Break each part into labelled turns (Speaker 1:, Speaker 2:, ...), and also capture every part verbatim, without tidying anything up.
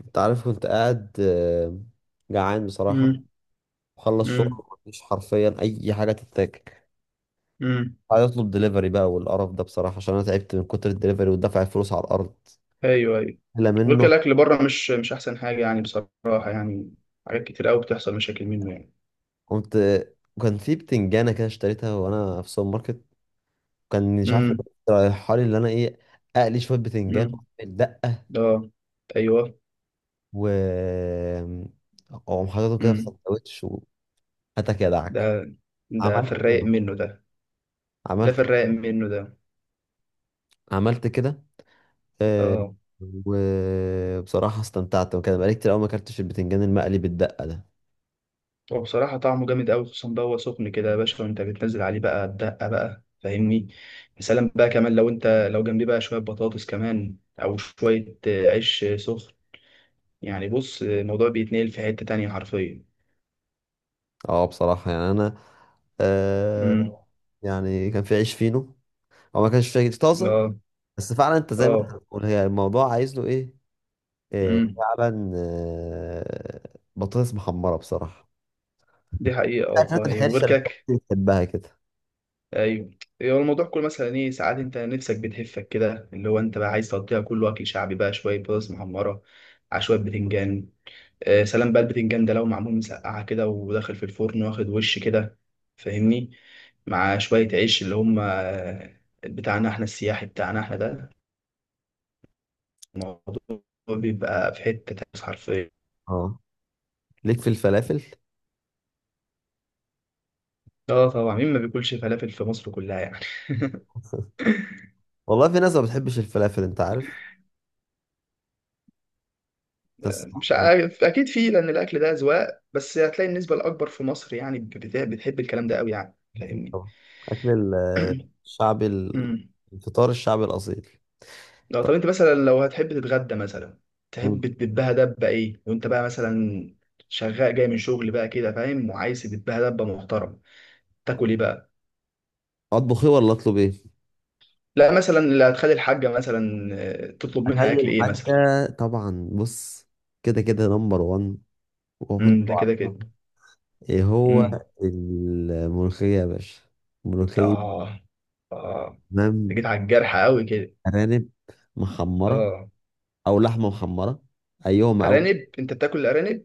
Speaker 1: انت عارف كنت قاعد آه، جعان بصراحة.
Speaker 2: امم
Speaker 1: وخلص
Speaker 2: امم
Speaker 1: شغل، مفيش حرفيا أي حاجة تتاكل.
Speaker 2: امم
Speaker 1: عايز أطلب دليفري بقى والقرف ده بصراحة، عشان أنا تعبت من كتر الدليفري ودفع الفلوس على الأرض.
Speaker 2: ايوه، ايوه.
Speaker 1: لا
Speaker 2: غير كده
Speaker 1: منه.
Speaker 2: الاكل بره مش مش احسن حاجه يعني، بصراحه يعني. حاجات كتير قوي بتحصل مشاكل منه يعني.
Speaker 1: قمت، كان في بتنجانة كده اشتريتها وأنا في السوبر ماركت. كان مش عارف
Speaker 2: امم
Speaker 1: رايحة لي اللي أنا إيه. أقلي شوية
Speaker 2: امم
Speaker 1: بتنجان وأعمل دقة،
Speaker 2: ده. ايوه.
Speaker 1: و أقوم حاططهم كده في
Speaker 2: امم.
Speaker 1: سندوتش. وهاتك يا دعك،
Speaker 2: ده ده في
Speaker 1: عملت
Speaker 2: الرايق
Speaker 1: كده،
Speaker 2: منه ده. ده
Speaker 1: عملت
Speaker 2: في الرايق منه ده.
Speaker 1: عملت كده. آه،
Speaker 2: اه،
Speaker 1: وبصراحة استمتعت، وكان بقالي كتير أوي ما أكلتش البتنجان المقلي بالدقة ده.
Speaker 2: هو بصراحه طعمه جامد قوي، خصوصا بقى هو سخن كده يا باشا، وانت بتنزل عليه بقى الدقه بقى، فاهمني؟ يا سلام بقى كمان، لو انت لو جنبيه بقى شويه بطاطس كمان، او شويه آه، عيش آه، سخن. يعني بص، آه، الموضوع بيتنقل في حته تانية حرفيا.
Speaker 1: اه، بصراحة يعني أنا آه يعني كان في عيش فينو، هو ما كانش فيه طازة.
Speaker 2: اه.
Speaker 1: بس فعلا أنت زي ما أنت
Speaker 2: اه.
Speaker 1: بتقول، هي الموضوع عايز له إيه؟ آه،
Speaker 2: امم.
Speaker 1: فعلا آه، بطاطس محمرة بصراحة.
Speaker 2: دي حقيقة
Speaker 1: الأكلات
Speaker 2: والله. وغير
Speaker 1: الحرشة اللي
Speaker 2: كده ك-
Speaker 1: الناس بتحبها كده.
Speaker 2: ايوه. هو الموضوع كله مثلا ايه، ساعات انت نفسك بتهفك كده، اللي هو انت بقى عايز تقضيها كله اكل شعبي بقى، شوية بطاطس محمرة على شوية بتنجان. آه سلام بقى، البتنجان ده لو معمول مسقعة كده، وداخل في الفرن واخد وش كده، فاهمني؟ مع شوية عيش اللي هم آه، بتاعنا احنا، السياحي بتاعنا احنا ده، الموضوع بيبقى في حتة تانية حرفيا.
Speaker 1: اه، ليك في الفلافل.
Speaker 2: اه طبعا، مين ما بياكلش فلافل في مصر كلها يعني
Speaker 1: والله في ناس ما بتحبش الفلافل أنت عارف، بس
Speaker 2: مش
Speaker 1: يعني.
Speaker 2: عارف، اكيد في، لان الاكل ده اذواق، بس هتلاقي النسبه الاكبر في مصر يعني بت- بتحب الكلام ده قوي يعني،
Speaker 1: أكيد
Speaker 2: فاهمني؟
Speaker 1: طبعا. أكل ال- الشعبي ال-
Speaker 2: امم.
Speaker 1: الفطار الشعبي الأصيل.
Speaker 2: لو
Speaker 1: طب،
Speaker 2: طب انت مثلا لو هتحب تتغدى مثلا، تحب تدبها دبه ايه، وانت بقى مثلا شغال جاي من شغل بقى كده، فاهم؟ وعايز تدبها دبه محترم، تاكل ايه بقى؟
Speaker 1: أطبخ إيه ولا أطلب إيه؟
Speaker 2: لا مثلا اللي هتخلي الحاجه مثلا، آه، تطلب منها
Speaker 1: أخلي
Speaker 2: اكل ايه مثلا.
Speaker 1: الحاجة. طبعا بص، كده كده نمبر واحد، وهو أنت
Speaker 2: امم. ده كده
Speaker 1: عارفه.
Speaker 2: كده.
Speaker 1: إيه هو؟
Speaker 2: امم.
Speaker 1: الملوخية يا باشا، ملوخية.
Speaker 2: اه. اه.
Speaker 1: تمام.
Speaker 2: أنت جيت على الجرح قوي كده.
Speaker 1: أرانب محمرة
Speaker 2: اه.
Speaker 1: أو لحمة محمرة، أيهما أو.
Speaker 2: ارانب، انت بتاكل الارانب؟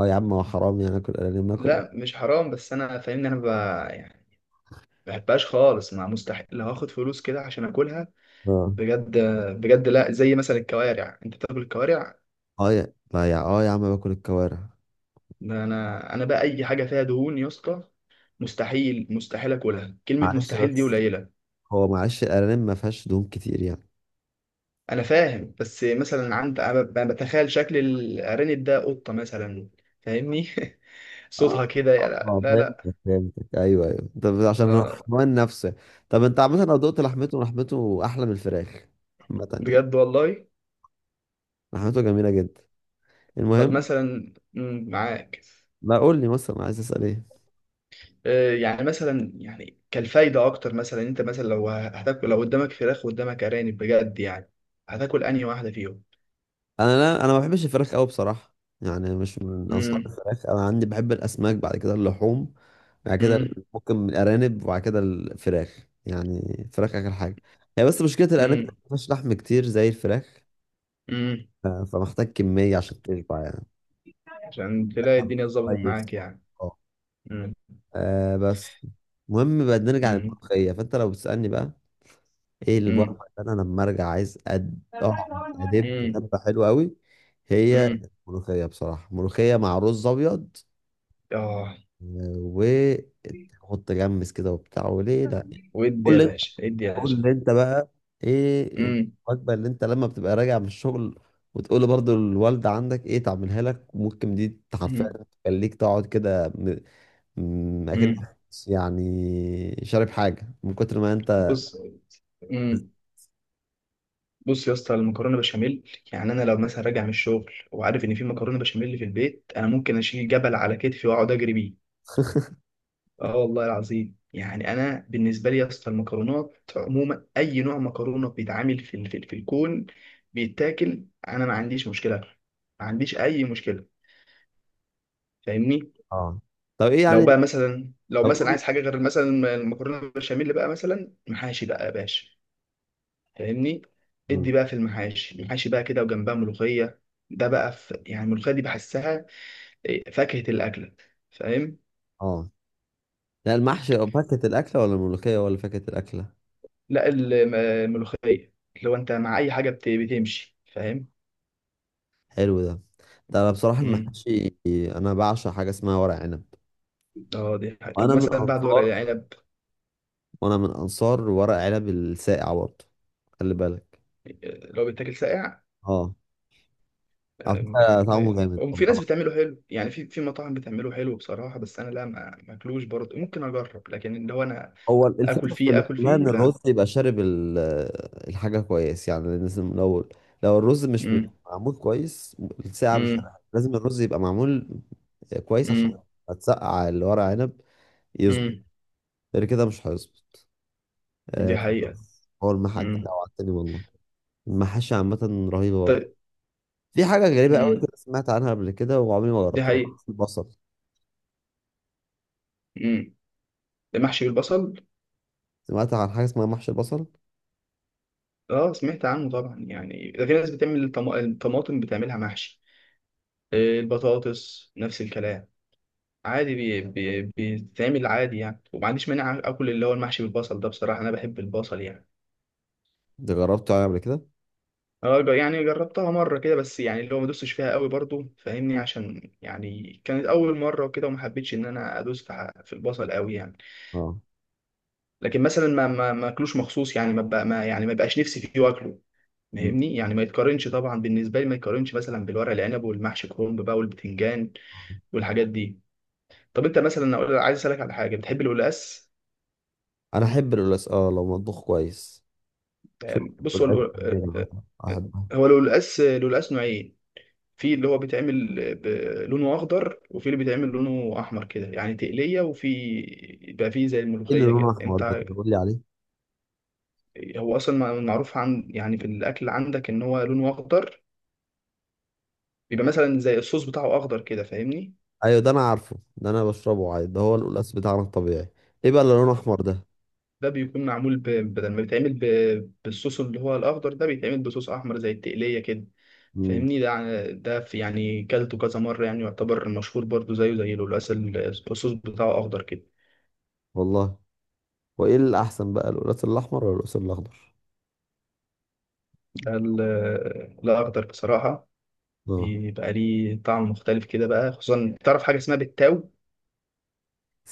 Speaker 1: أه يا عم، هو حرام يعني آكل أرانب ناكل؟
Speaker 2: لا مش حرام، بس انا فاهمني، انا ب... يعني ما بحبهاش خالص، ما مستحيل لو هاخد فلوس كده عشان اكلها.
Speaker 1: اه
Speaker 2: بجد. بجد، لا زي مثلا الكوارع، انت بتاكل الكوارع؟
Speaker 1: اه، يا لا يا اه يا عم باكل الكوارع.
Speaker 2: ده انا انا بقى اي حاجه فيها دهون يا اسطى، مستحيل. مستحيل اكلها، كلمه
Speaker 1: معلش
Speaker 2: مستحيل دي
Speaker 1: بس،
Speaker 2: قليله.
Speaker 1: هو معلش الأرانب ما فيهاش دهون كتير يعني.
Speaker 2: انا فاهم، بس مثلا عند أنا ب- بتخيل شكل الارانب ده قطه مثلا، فاهمني؟ صوتها كده، لا
Speaker 1: اه،
Speaker 2: لا لا.
Speaker 1: فهمتك فهمتك، ايوه ايوه. طب عشان هو
Speaker 2: آه،
Speaker 1: الحمام نفسه. طب انت عامة، لو دقت لحمته، لحمته احلى من الفراخ عامة يعني.
Speaker 2: بجد والله.
Speaker 1: لحمته جميلة جدا.
Speaker 2: طب
Speaker 1: المهم.
Speaker 2: مثلا مم، معاك.
Speaker 1: ما قول لي مثلا عايز اسال ايه؟
Speaker 2: آه، يعني مثلا يعني كالفايدة أكتر، مثلا أنت مثلا لو هتاكل، لو قدامك فراخ وقدامك أرانب بجد يعني، هتاكل أنهي واحدة فيهم؟
Speaker 1: انا، لا، انا ما بحبش الفراخ قوي بصراحة. يعني مش من انصار
Speaker 2: مم.
Speaker 1: الفراخ، انا عندي بحب الاسماك، بعد كده اللحوم. بعد كده
Speaker 2: مم.
Speaker 1: ممكن الارانب، وبعد كده الفراخ، يعني الفراخ اخر حاجة. هي بس مشكلة الارانب ما
Speaker 2: مم.
Speaker 1: فيهاش لحم كتير زي الفراخ.
Speaker 2: مم.
Speaker 1: ف- فمحتاج كمية عشان تشبع يعني.
Speaker 2: عشان تلاقي الدنيا اتظبطت
Speaker 1: طيب.
Speaker 2: معاك يعني.
Speaker 1: اه.
Speaker 2: مم.
Speaker 1: آه بس، المهم بقى نرجع
Speaker 2: مم.
Speaker 1: للملوخية، فانت لو بتسألني بقى، ايه الوجبة
Speaker 2: مم.
Speaker 1: اللي انا لما ارجع عايز أد... اقعد ادب
Speaker 2: مم.
Speaker 1: دبة حلوة قوي؟ هي
Speaker 2: مم.
Speaker 1: الملوخية بصراحة، ملوخية مع رز ابيض.
Speaker 2: آه.
Speaker 1: آه، وحط جمس كده وبتاع، وليه لا؟
Speaker 2: ودي
Speaker 1: قول
Speaker 2: يا
Speaker 1: لي،
Speaker 2: باشا، ادي يا باشا.
Speaker 1: قول لي انت بقى، ايه
Speaker 2: مم.
Speaker 1: الوجبة اللي انت لما بتبقى راجع من الشغل وتقول برضو الوالدة عندك ايه تعملها لك، ممكن دي حرفيا
Speaker 2: مم.
Speaker 1: تخليك تقعد كده، أمم، اكنك
Speaker 2: مم.
Speaker 1: يعني شارب حاجه من كتر ما انت.
Speaker 2: بص. مم. بص يا اسطى، المكرونه بشاميل يعني، انا لو مثلا راجع من الشغل وعارف ان في مكرونه بشاميل في البيت، انا ممكن اشيل جبل على كتفي واقعد اجري بيه. اه والله العظيم، يعني انا بالنسبه لي يا اسطى، المكرونات عموما اي نوع مكرونه بيتعمل في ال- في, ال- في الكون بيتاكل، انا ما عنديش مشكله، ما عنديش اي مشكله، فاهمني.
Speaker 1: اه، طب ايه
Speaker 2: لو
Speaker 1: يعني.
Speaker 2: بقى مثلا، لو
Speaker 1: طب،
Speaker 2: مثلا
Speaker 1: قول-
Speaker 2: عايز حاجه غير مثلا المكرونه بشاميل بقى، مثلا محاشي بقى يا باشا، فاهمني.
Speaker 1: مم.
Speaker 2: ادي بقى في المحاشي، المحاشي بقى كده وجنبها ملوخيه، ده بقى في يعني الملوخيه دي بحسها آه، فاكهه الاكله، فاهم؟
Speaker 1: اه، لا، المحشي أو فكة الأكلة ولا الملوخية ولا فكة الأكلة؟
Speaker 2: لا الم- الملوخيه، لو انت مع اي حاجه بت- بتمشي، فاهم؟
Speaker 1: حلو ده. ده أنا بصراحة
Speaker 2: امم.
Speaker 1: المحشي، أنا بعشق حاجة اسمها ورق عنب.
Speaker 2: اه دي حاجة. طب
Speaker 1: وأنا من
Speaker 2: مثلا بعد ورق
Speaker 1: أنصار
Speaker 2: العنب
Speaker 1: وأنا من أنصار ورق عنب الساقع برضه، خلي بالك.
Speaker 2: آه، لو بيتاكل ساقع.
Speaker 1: اه، على فكرة طعمه جامد.
Speaker 2: وفي ناس بتعمله حلو يعني، في في مطاعم بتعمله حلو بصراحه، بس انا لا، ما ماكلوش برضه، ممكن اجرب، لكن اللي هو انا
Speaker 1: هو
Speaker 2: اكل
Speaker 1: الفكرة في
Speaker 2: فيه، اكل
Speaker 1: الاحتمال
Speaker 2: فيه
Speaker 1: ان الرز
Speaker 2: لا.
Speaker 1: يبقى شارب ال- الحاجة كويس، يعني لازم لو لو الرز مش مت-
Speaker 2: امم.
Speaker 1: معمول كويس الساعة مش
Speaker 2: امم.
Speaker 1: هتحرق. لازم الرز يبقى معمول كويس عشان
Speaker 2: امم.
Speaker 1: هتسقع اللي ورق عنب يظبط،
Speaker 2: امم.
Speaker 1: غير كده مش هيظبط.
Speaker 2: دي
Speaker 1: آه،
Speaker 2: حقيقه.
Speaker 1: هو المحل انت
Speaker 2: مم.
Speaker 1: جوعتني والله. المحاشي عامة رهيبة برضه.
Speaker 2: طيب.
Speaker 1: في حاجة غريبة قوي
Speaker 2: مم.
Speaker 1: كده سمعت عنها قبل كده وعمري ما
Speaker 2: دي
Speaker 1: جربتها،
Speaker 2: حقيقة.
Speaker 1: محشي البصل.
Speaker 2: مم. المحشي بالبصل.
Speaker 1: سمعت عن حاجة اسمها محشي البصل.
Speaker 2: اه سمعت عنه طبعا يعني، ده في ناس بتعمل الطما- الطماطم بتعملها محشي، آه، البطاطس نفس الكلام، عادي بي... بي... بيتعمل عادي يعني، وما عنديش مانع اكل اللي هو المحشي بالبصل ده، بصراحة انا بحب البصل يعني.
Speaker 1: انت جربته يعني قبل كده؟
Speaker 2: اه ج- يعني جربتها مرة كده، بس يعني اللي هو ما دوستش فيها قوي برضو، فاهمني؟ عشان يعني كانت اول مرة وكده، وما حبيتش ان انا ادوس في ح- في البصل قوي يعني.
Speaker 1: اه.
Speaker 2: لكن مثلا ما ما ما اكلوش مخصوص يعني، ما بقى ما يعني ما بقاش نفسي فيه واكله،
Speaker 1: مم.
Speaker 2: فاهمني. يعني ما يتقارنش طبعا بالنسبه لي، ما يتقارنش مثلا بالورق العنب والمحشي كرنب بقى والبتنجان والحاجات دي. طب انت مثلا أقول- عايز اسالك على حاجه، بتحب القلقاس؟
Speaker 1: انا احب القلقاس، اه، لو مطبوخ كويس. شوف،
Speaker 2: يعني بص، هو
Speaker 1: الآخر مثلا
Speaker 2: القل-
Speaker 1: واحد واحد.
Speaker 2: هو القلقاس، القلقاس نوعين. في اللي هو بيتعمل ب- لونه اخضر، وفي اللي بيتعمل لونه احمر كده، يعني تقليه، وفي يبقى فيه زي
Speaker 1: ايه اللي
Speaker 2: الملوخيه
Speaker 1: لونه
Speaker 2: كده
Speaker 1: احمر ده؟
Speaker 2: انت.
Speaker 1: كده قول لي عليه.
Speaker 2: هو اصلا معروف عن يعني في الاكل عندك، ان هو لونه اخضر، بيبقى مثلا زي الصوص بتاعه اخضر كده، فاهمني.
Speaker 1: ايوه، ده انا عارفه، ده انا بشربه عادي، ده هو القلقاس بتاعنا الطبيعي. ايه بقى اللي لونه احمر ده؟
Speaker 2: ده بيكون معمول ب... بدل ما بيتعمل ب... بالصوص اللي هو الأخضر ده، بيتعمل بصوص أحمر زي التقلية كده،
Speaker 1: امم
Speaker 2: فاهمني. ده ع- ده في يعني كلته كذا مرة يعني، يعتبر مشهور برضو زيه زي القلقاس ال- الصوص بتاعه أخضر كده.
Speaker 1: والله. وايه الاحسن بقى، القلقاس الاحمر ولا القلقاس الاخضر؟
Speaker 2: ده ال- الأخضر بصراحة،
Speaker 1: اه،
Speaker 2: بيبقى ليه طعم مختلف كده بقى، خصوصا تعرف حاجة اسمها بالتاو.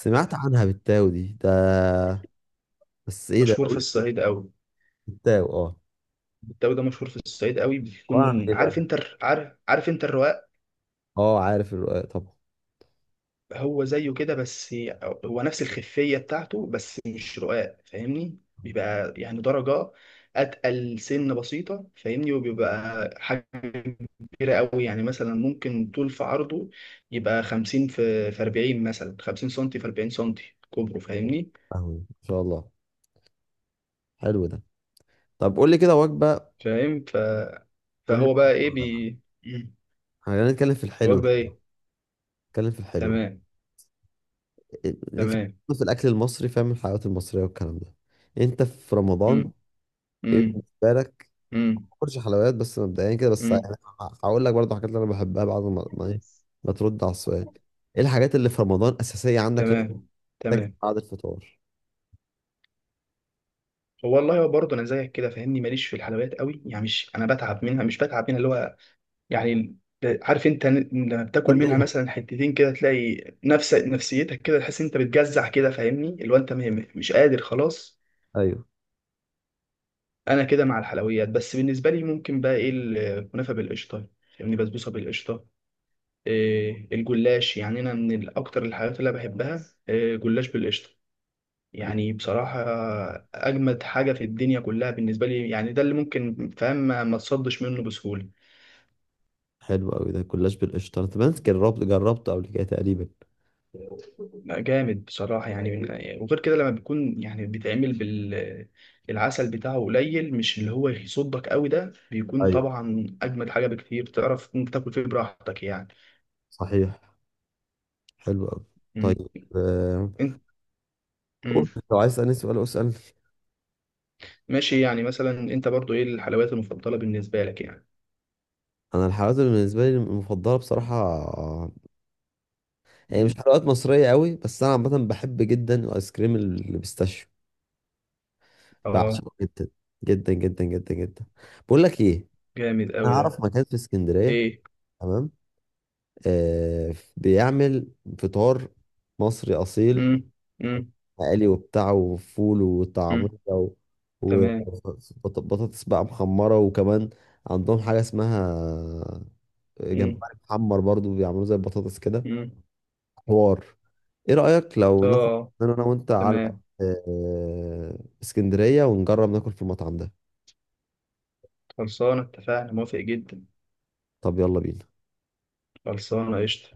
Speaker 1: سمعت عنها بالتاو دي ده، بس ايه ده
Speaker 2: مشهور في
Speaker 1: قلت؟
Speaker 2: الصعيد أوي.
Speaker 1: بالتاو، اه،
Speaker 2: التاو ده مشهور في الصعيد أوي،
Speaker 1: عبارة عن
Speaker 2: بيكون
Speaker 1: ايه بقى؟
Speaker 2: عارف أنت الر- عارف، عارف أنت الرقاق؟
Speaker 1: اه، عارف الرقاق طبعا.
Speaker 2: هو زيه كده بس، هو نفس الخفية بتاعته، بس مش رقاق فاهمني. بيبقى يعني درجة أتقل سن بسيطة، فاهمني. وبيبقى حاجة كبيرة قوي يعني، مثلا ممكن طول في عرضه يبقى خمسين في في أربعين مثلا، خمسين سنتي في أربعين سنتي كبره، فاهمني.
Speaker 1: فاهمه ان شاء الله. حلو ده. طب قول لي كده وجبه.
Speaker 2: فاهم. ف-
Speaker 1: قول لي
Speaker 2: فهو بقى إيه
Speaker 1: وجبة.
Speaker 2: بي مم.
Speaker 1: احنا هنتكلم في الحلو ده،
Speaker 2: الوجبة إيه؟
Speaker 1: نتكلم في الحلو.
Speaker 2: تمام.
Speaker 1: يعني كان
Speaker 2: تمام.
Speaker 1: في الأكل المصري، فاهم، الحلويات المصرية والكلام ده. أنت في رمضان،
Speaker 2: مم.
Speaker 1: إيه
Speaker 2: مم.
Speaker 1: بالنسبة لك؟
Speaker 2: مم.
Speaker 1: مش حلويات بس مبدئيا كده، بس
Speaker 2: مم.
Speaker 1: يعني هقول لك برضه حاجات اللي أنا بحبها، بعد ما ما إيه ما ترد على السؤال. إيه الحاجات اللي في رمضان أساسية عندك لازم
Speaker 2: تمام.
Speaker 1: تاكل
Speaker 2: تمام.
Speaker 1: بعد الفطار؟
Speaker 2: والله برضه انا زيك كده فاهمني، ماليش في الحلويات قوي يعني، مش انا بتعب منها، مش بتعب منها اللي هو يعني. عارف انت لما بتاكل
Speaker 1: طب إيه
Speaker 2: منها
Speaker 1: الح-
Speaker 2: مثلا حتتين كده، تلاقي نفس نفسيتك كده، تحس انت بتجزع كده فاهمني، اللي هو انت م- مش قادر خلاص.
Speaker 1: أيوه.
Speaker 2: انا كده مع الحلويات. بس بالنسبه لي ممكن بقى ايه، الكنافه بالقشطه فاهمني، بسبوسه بالقشطه، إيه الجلاش. يعني انا من ال- اكتر الحاجات اللي أنا بحبها إيه، جلاش بالقشطه، يعني بصراحة أجمد حاجة في الدنيا كلها بالنسبة لي يعني، ده اللي ممكن فاهم ما ما تصدش منه بسهولة.
Speaker 1: حلو أوي ده، كلاش بالقشطة، أنت بنت جربت جربته قبل كده تقريبا؟
Speaker 2: جامد بصراحة يعني من- يعني، وغير كده لما بيكون يعني بيتعمل بال العسل بتاعه قليل، مش اللي هو يصدك قوي ده، بيكون
Speaker 1: أيوه،
Speaker 2: طبعا أجمد حاجة بكتير، تعرف إنت تاكل فيه براحتك يعني.
Speaker 1: صحيح. حلو أوي.
Speaker 2: مم.
Speaker 1: طيب، آه،
Speaker 2: انت.
Speaker 1: قول
Speaker 2: مم.
Speaker 1: لو عايز تسألني سؤال اسألني.
Speaker 2: ماشي. يعني مثلا أنت برضو إيه الحلويات المفضلة بالنسبة لك يعني؟
Speaker 1: أنا الحلويات اللي بالنسبة لي المفضلة بصراحة، هي مش
Speaker 2: مم.
Speaker 1: حلويات مصرية قوي، بس أنا عامة بحب جدا الآيس كريم اللي بيستاشيو.
Speaker 2: آه.
Speaker 1: بعشقه جدا جدا جدا جدا جدا. بقول لك إيه؟
Speaker 2: جامد
Speaker 1: أنا
Speaker 2: قوي ده.
Speaker 1: أعرف مكان في اسكندرية،
Speaker 2: إيه.
Speaker 1: تمام، آه بيعمل فطار مصري أصيل،
Speaker 2: مم. مم.
Speaker 1: مقلي وبتاع وفول وطعمية
Speaker 2: مم.
Speaker 1: و-
Speaker 2: تمام.
Speaker 1: وبطاطس بقى محمرة، وكمان عندهم حاجة اسمها
Speaker 2: مم.
Speaker 1: جمبري محمر، برضو بيعملوه زي البطاطس كده.
Speaker 2: مم.
Speaker 1: حوار، ايه رأيك لو ناخد
Speaker 2: طب.
Speaker 1: انا أنا وانت على
Speaker 2: تمام.
Speaker 1: آه، اسكندرية ونجرب ناكل في المطعم ده؟
Speaker 2: خلصانة، اتفقنا، موافق جدا.
Speaker 1: طب، يلا بينا.
Speaker 2: خلصانة قشطة.